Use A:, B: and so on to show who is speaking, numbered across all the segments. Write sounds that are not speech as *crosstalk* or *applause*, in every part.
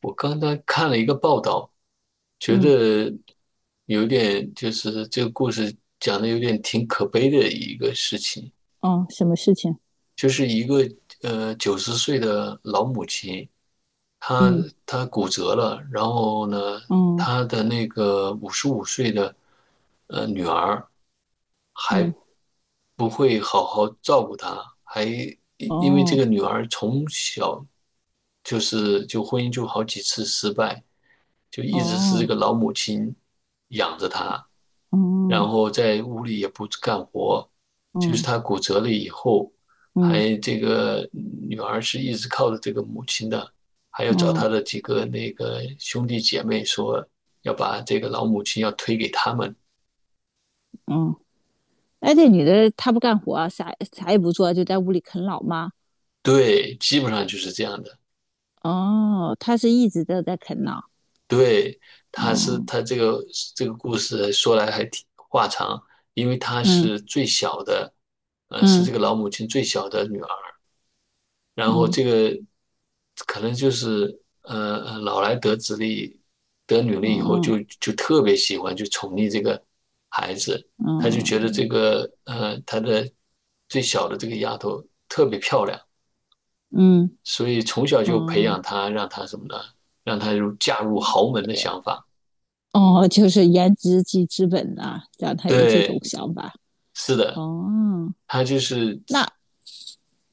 A: 我刚才看了一个报道，觉
B: 嗯，
A: 得有点就是这个故事讲的有点挺可悲的一个事情，
B: 哦，什么事情？
A: 就是一个九十岁的老母亲，她
B: 嗯，
A: 她骨折了，然后呢，
B: 嗯，
A: 她的那个五十五岁的女儿还
B: 嗯，
A: 不会好好照顾她，还因为这
B: 哦，
A: 个女儿从小就是婚姻就好几次失败。就一直是这
B: 哦，
A: 个老母亲养着他，然
B: 嗯，
A: 后在屋里也不干活，就是
B: 嗯，
A: 他骨折了以后，
B: 嗯，
A: 还这个女儿是一直靠着这个母亲的，还要找
B: 哦
A: 他的几个那个兄弟姐妹说要把这个老母亲要推给他们，
B: 嗯。哎，这女的她不干活啊，啥啥也不做，就在屋里啃老吗？
A: 对，基本上就是这样的，
B: 哦，她是一直都在啃老。
A: 对。他是
B: 哦，
A: 他这个这个故事说来还挺话长，因为她
B: 嗯，
A: 是最小的，是
B: 嗯，
A: 这个老母亲最小的女儿。然后
B: 嗯，
A: 这个可能就是老来得子力得女力以后
B: 哦，
A: 就特别喜欢就宠溺这个孩子，他就
B: 嗯，
A: 觉得这个他的最小的这个丫头特别漂亮，
B: 嗯，
A: 所以从小就培养
B: 哦，
A: 她，让她什么呢？让她入嫁入豪门的想法。
B: 哦，就是颜值即资本呐、让她有这种
A: 对，
B: 想法。
A: 是的，
B: 哦，
A: 他就是。
B: 那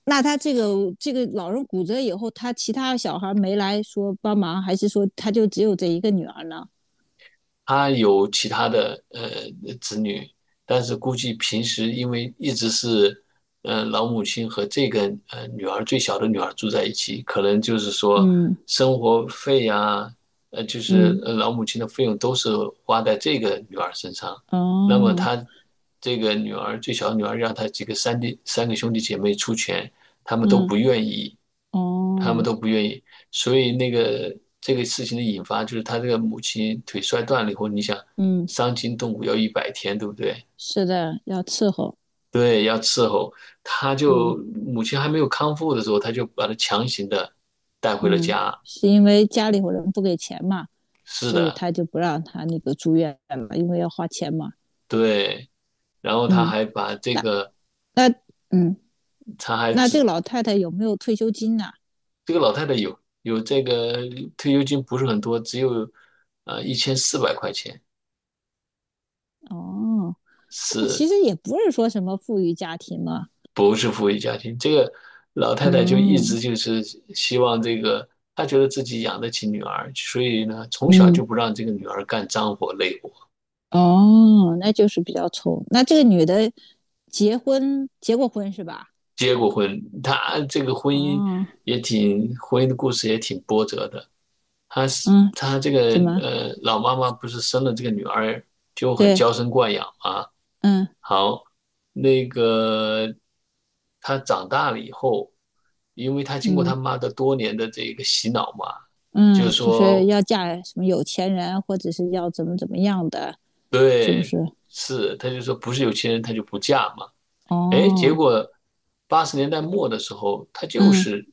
B: 那他这个老人骨折以后，他其他小孩没来说帮忙，还是说他就只有这一个女儿呢？
A: 他有其他的子女，但是估计平时因为一直是老母亲和这个女儿最小的女儿住在一起，可能就是说
B: 嗯
A: 生活费呀、就是
B: 嗯，
A: 老母亲的费用都是花在这个女儿身上。那么
B: 哦，
A: 他这个女儿最小的女儿让他几个三弟三个兄弟姐妹出钱，他们都
B: 嗯
A: 不愿意，他们
B: 哦，
A: 都不愿意。所以那个这个事情的引发就是他这个母亲腿摔断了以后，你想
B: 嗯，
A: 伤筋动骨要100天，对不对？
B: 是的，要伺候，
A: 对，要伺候。他
B: 嗯
A: 就母亲还没有康复的时候，他就把他强行的带回了
B: 嗯，
A: 家。
B: 是因为家里有人不给钱嘛，
A: 是
B: 所以
A: 的，
B: 他就不让他那个住院了，因为要花钱嘛。
A: 对。然后他
B: 嗯，
A: 还把这
B: 那
A: 个，
B: 那嗯，
A: 他还
B: 那这个
A: 只
B: 老太太有没有退休金呢、
A: 这个老太太有这个退休金不是很多，只有1400块钱，
B: 哦，那其
A: 是
B: 实也不是说什么富裕家庭嘛。
A: 不是富裕家庭，这个老太太就一
B: 嗯
A: 直就是希望这个，她觉得自己养得起女儿，所以呢，从小
B: 嗯。
A: 就不让这个女儿干脏活累活。
B: 哦，那就是比较冲。那这个女的结婚结过婚是吧？
A: 结过婚，她这个婚姻
B: 哦，
A: 婚姻的故事也挺波折的。她是
B: 嗯，
A: 她这个
B: 怎么？
A: 老妈妈不是生了这个女儿就很
B: 对，
A: 娇生惯养嘛？
B: 嗯
A: 好，那个她长大了以后，因为她经过
B: 嗯
A: 她妈的多年的这个洗脑嘛，就是
B: 嗯，就是
A: 说
B: 要嫁什么有钱人，或者是要怎么怎么样的，是不
A: 对，
B: 是？
A: 是，她就说不是有钱人她就不嫁嘛。哎，结
B: 哦，
A: 果八十年代末的时候，她就
B: 嗯，
A: 是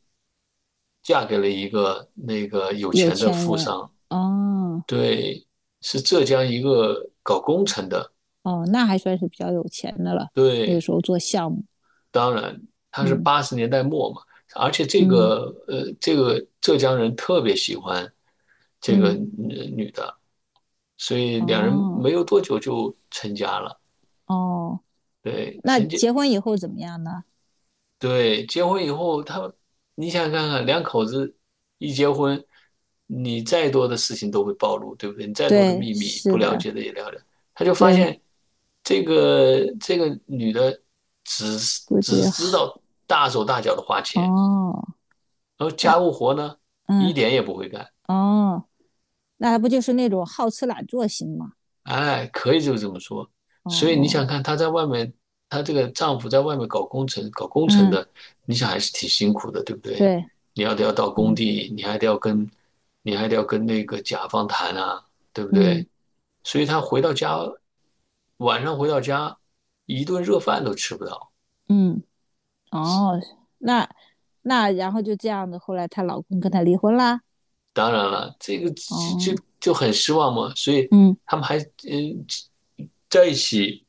A: 嫁给了一个那个有
B: 有
A: 钱的
B: 钱
A: 富
B: 人，
A: 商，
B: 哦
A: 对，是浙江一个搞工程的，
B: 哦，那还算是比较有钱的了。那个
A: 对，
B: 时候做项目，
A: 当然他是
B: 嗯
A: 八十年代末嘛，而且这
B: 嗯
A: 个这个浙江人特别喜欢这个
B: 嗯，
A: 女女的，所以两人
B: 哦
A: 没有多久就成家了。
B: 哦，
A: 对，
B: 那
A: 成家
B: 结婚以后怎么样呢？
A: 对，结婚以后，他，你想想看看，两口子一结婚，你再多的事情都会暴露，对不对？你再多的
B: 对，
A: 秘密，不
B: 是
A: 了
B: 的，
A: 解的也了解。他就发
B: 对，
A: 现，这个女的只
B: 估计
A: 只知道大手大脚的花钱，
B: 哦，
A: 然后
B: 哎，
A: 家务活呢，一
B: 嗯，
A: 点也不会干。
B: 哦，那不就是那种好吃懒做型嘛？
A: 哎，可以就这么说。
B: 哦
A: 所以你想
B: 哦，
A: 看她在外面，她这个丈夫在外面搞工程，搞工程
B: 嗯，
A: 的，你想还是挺辛苦的，对不对？
B: 对，
A: 你要得要到工
B: 嗯
A: 地，你还得要跟，你还得要跟那个甲方谈啊，对不
B: 嗯
A: 对？所以她回到家，晚上回到家，一顿热饭都吃不到。
B: 嗯，哦，那那然后就这样子，后来她老公跟她离婚啦。
A: 当然了，这个
B: 哦，
A: 就很失望嘛。所以
B: 嗯，
A: 他们还在一起。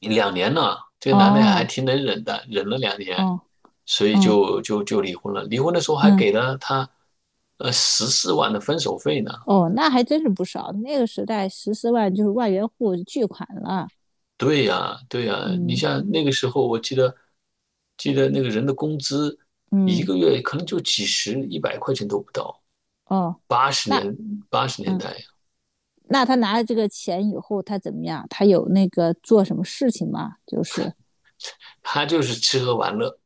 A: 两年了，这个男的还
B: 哦
A: 挺能忍的，忍了两年，
B: 哦，
A: 所以
B: 嗯
A: 就离婚了。离婚的时候还
B: 嗯，
A: 给了他，十四万的分手费呢。
B: 哦，那还真是不少，那个时代14万就是万元户巨款了。
A: 对呀，对呀，你
B: 嗯
A: 像那个时候，我记得那个人的工资一
B: 嗯，
A: 个月可能就几十、100块钱都不到，
B: 哦，
A: 八十
B: 那
A: 年八十年
B: 嗯。
A: 代，
B: 那他拿了这个钱以后，他怎么样？他有那个做什么事情吗？就是
A: 他就是吃喝玩乐，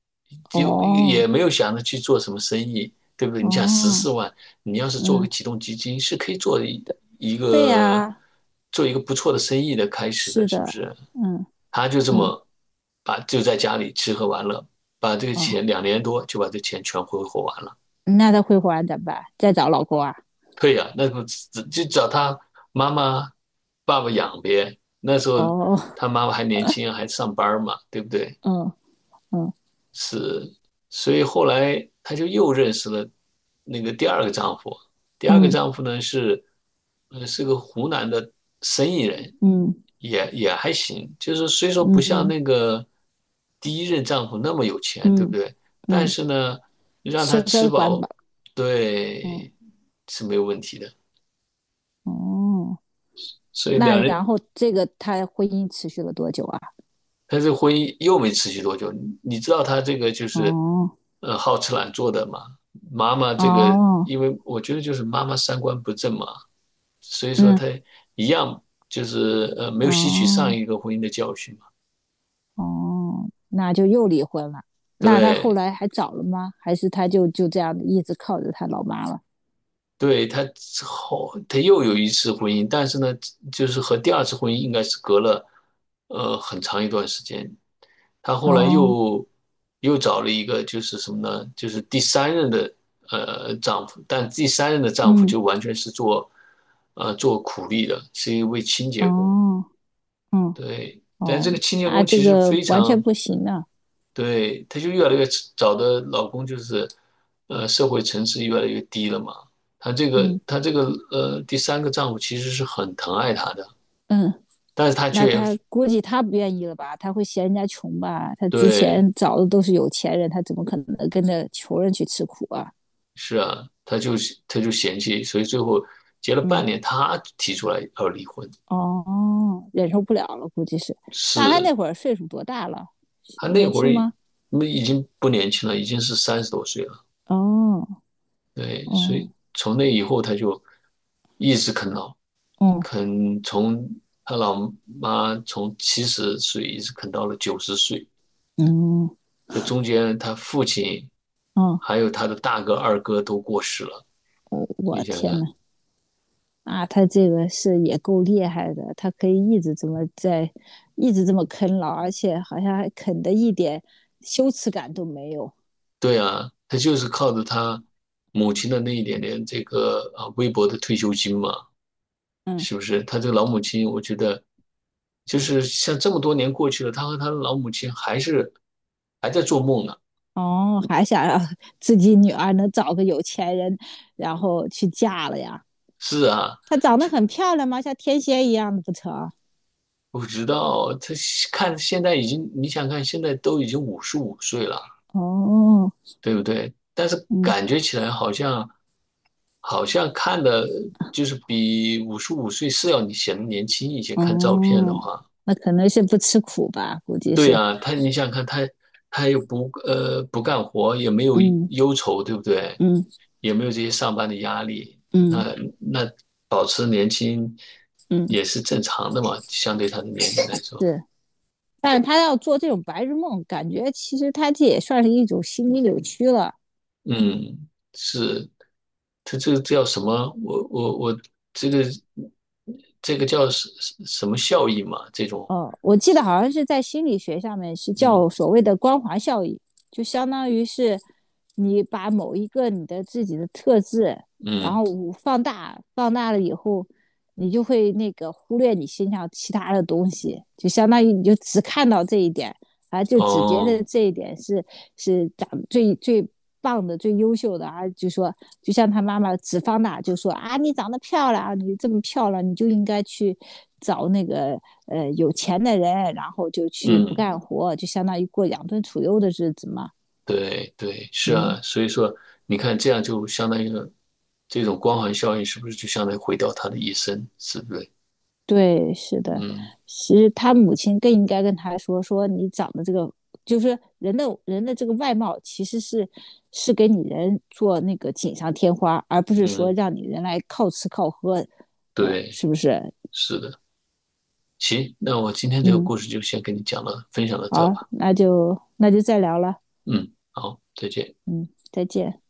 A: 就
B: 哦
A: 也没有想着去做什么生意，对不对？你想十
B: 哦，
A: 四万，你要是做
B: 嗯，
A: 个启动基金，是可以一
B: 对
A: 个
B: 呀、啊
A: 做一个不错的生意的开始
B: 是
A: 的，是不
B: 的，
A: 是？
B: 嗯
A: 他就这
B: 嗯
A: 么把就在家里吃喝玩乐，把这个
B: 哦，
A: 钱2年多就把这钱全挥霍完了。
B: 那他会还怎么办？再找老公啊？
A: 对呀、那不就找他妈妈、爸爸养呗？那时候
B: 哦，
A: 他妈妈还年轻，还上班嘛，对不对？
B: 嗯嗯
A: 是，所以后来她就又认识了那个第二个丈夫。第二个丈夫呢是，是个湖南的生意人，
B: 嗯
A: 也还行。就是虽说不
B: 嗯
A: 像
B: 嗯
A: 那个第一任丈夫那么有钱，对不
B: 嗯
A: 对？但
B: 嗯，
A: 是呢，让他
B: 吃
A: 吃
B: 喝管饱，
A: 饱，
B: 嗯
A: 对，是没有问题的。
B: 哦，
A: 所以
B: 那
A: 两人
B: 然后这个他婚姻持续了多久啊？
A: 但是婚姻又没持续多久。你知道他这个就是，
B: 哦
A: 好吃懒做的嘛。妈妈这个，
B: 哦，
A: 因为我觉得就是妈妈三观不正嘛，所以说
B: 嗯
A: 他一样就是没有吸取上
B: 哦。
A: 一个婚姻的教训嘛。
B: 哦，那就又离婚了。那他后
A: 对，
B: 来还找了吗？还是他就这样一直靠着他老妈了？
A: 对，他之后他又有一次婚姻，但是呢，就是和第二次婚姻应该是隔了很长一段时间，她后来
B: 哦，
A: 又找了一个，就是什么呢？就是第三任的丈夫，但第三任的丈夫
B: 嗯，
A: 就完全是做做苦力的，是一位清洁工。
B: 哦，嗯，
A: 对，但
B: 哦，
A: 这个清洁
B: 那
A: 工
B: 这
A: 其实
B: 个
A: 非
B: 完全
A: 常
B: 不行啊。
A: 对，她就越来越找的老公就是社会层次越来越低了嘛。她这
B: 嗯
A: 个她这个第三个丈夫其实是很疼爱她的，
B: 嗯，
A: 但是她
B: 那
A: 却
B: 他估计他不愿意了吧？他会嫌人家穷吧？他之
A: 对
B: 前找的都是有钱人，他怎么可能跟着穷人去吃苦啊？
A: 是啊，他就嫌弃，所以最后结了
B: 嗯，
A: 半年，他提出来要离婚。
B: 哦，忍受不了了，估计是。那他那
A: 是，
B: 会儿岁数多大了？
A: 他那
B: 年
A: 会
B: 轻
A: 儿
B: 吗？
A: 那已经不年轻了，已经是30多岁了。
B: 哦，
A: 对，所
B: 哦，
A: 以从那以后他就一直啃老，
B: 哦，
A: 啃从他老妈从70岁一直啃到了九十岁。
B: 嗯。嗯
A: 这中间他父亲
B: 哦，
A: 还有他的大哥、二哥都过世了，
B: 我
A: 你想
B: 天
A: 想，
B: 呐，啊，他这个是也够厉害的，他可以一直这么在，一直这么啃老，而且好像还啃的一点羞耻感都没有。
A: 对啊，他就是靠着他母亲的那一点点这个啊微薄的退休金嘛，
B: 嗯，
A: 是不是？他这个老母亲，我觉得就是像这么多年过去了，他和他的老母亲还是还在做梦呢。
B: 哦，还想让 *laughs* 自己女儿能找个有钱人，然后去嫁了呀？
A: 是啊，
B: 她长得很漂亮吗？像天仙一样的不成？
A: 我知道他看现在已经，你想看现在都已经五十五岁了，
B: 哦，
A: 对不对？但是
B: 嗯，
A: 感觉起来好像好像看的就是比五十五岁是要你显得年轻一些，看照片的
B: 哦，
A: 话。
B: 那可能是不吃苦吧，估计
A: 对
B: 是。
A: 呀，他你想想看，他又不干活，也没有
B: 嗯
A: 忧愁，对不对？
B: 嗯
A: 也没有这些上班的压力，那
B: 嗯
A: 那保持年轻
B: 嗯，
A: 也是正常的嘛，相对他的年龄来说，
B: 是。但是他要做这种白日梦，感觉其实他这也算是一种心理扭曲了。
A: 嗯，是，他这个叫什么？我这个这个叫什么效益嘛？这种，
B: 我记得好像是在心理学上面是
A: 嗯
B: 叫所谓的光环效应，就相当于是你把某一个你的自己的特质，然
A: 嗯，
B: 后放大，放大了以后，你就会那个忽略你身上其他的东西，就相当于你就只看到这一点，啊，就只觉得
A: 哦，
B: 这一点是长最最棒的、最优秀的啊。就说，就像他妈妈只方，大就说啊，你长得漂亮啊，你这么漂亮，你就应该去找那个有钱的人，然后就去不
A: 嗯。
B: 干活，就相当于过养尊处优的日子嘛。
A: 对对，是
B: 嗯。
A: 啊，所以说你看，这样就相当于说这种光环效应是不是就相当于毁掉他的一生，是不是？
B: 对，是的，
A: 嗯
B: 其实他母亲更应该跟他说，说你长得这个，就是人的这个外貌，其实是给你人做那个锦上添花，而不是说
A: 嗯，
B: 让你人来靠吃靠喝的，
A: 对，
B: 是不是？
A: 是的。行，那我今天这个
B: 嗯，
A: 故事就先跟你讲了，分享到这
B: 好，
A: 吧。
B: 那就再聊了，
A: 嗯，好，再见。
B: 嗯，再见。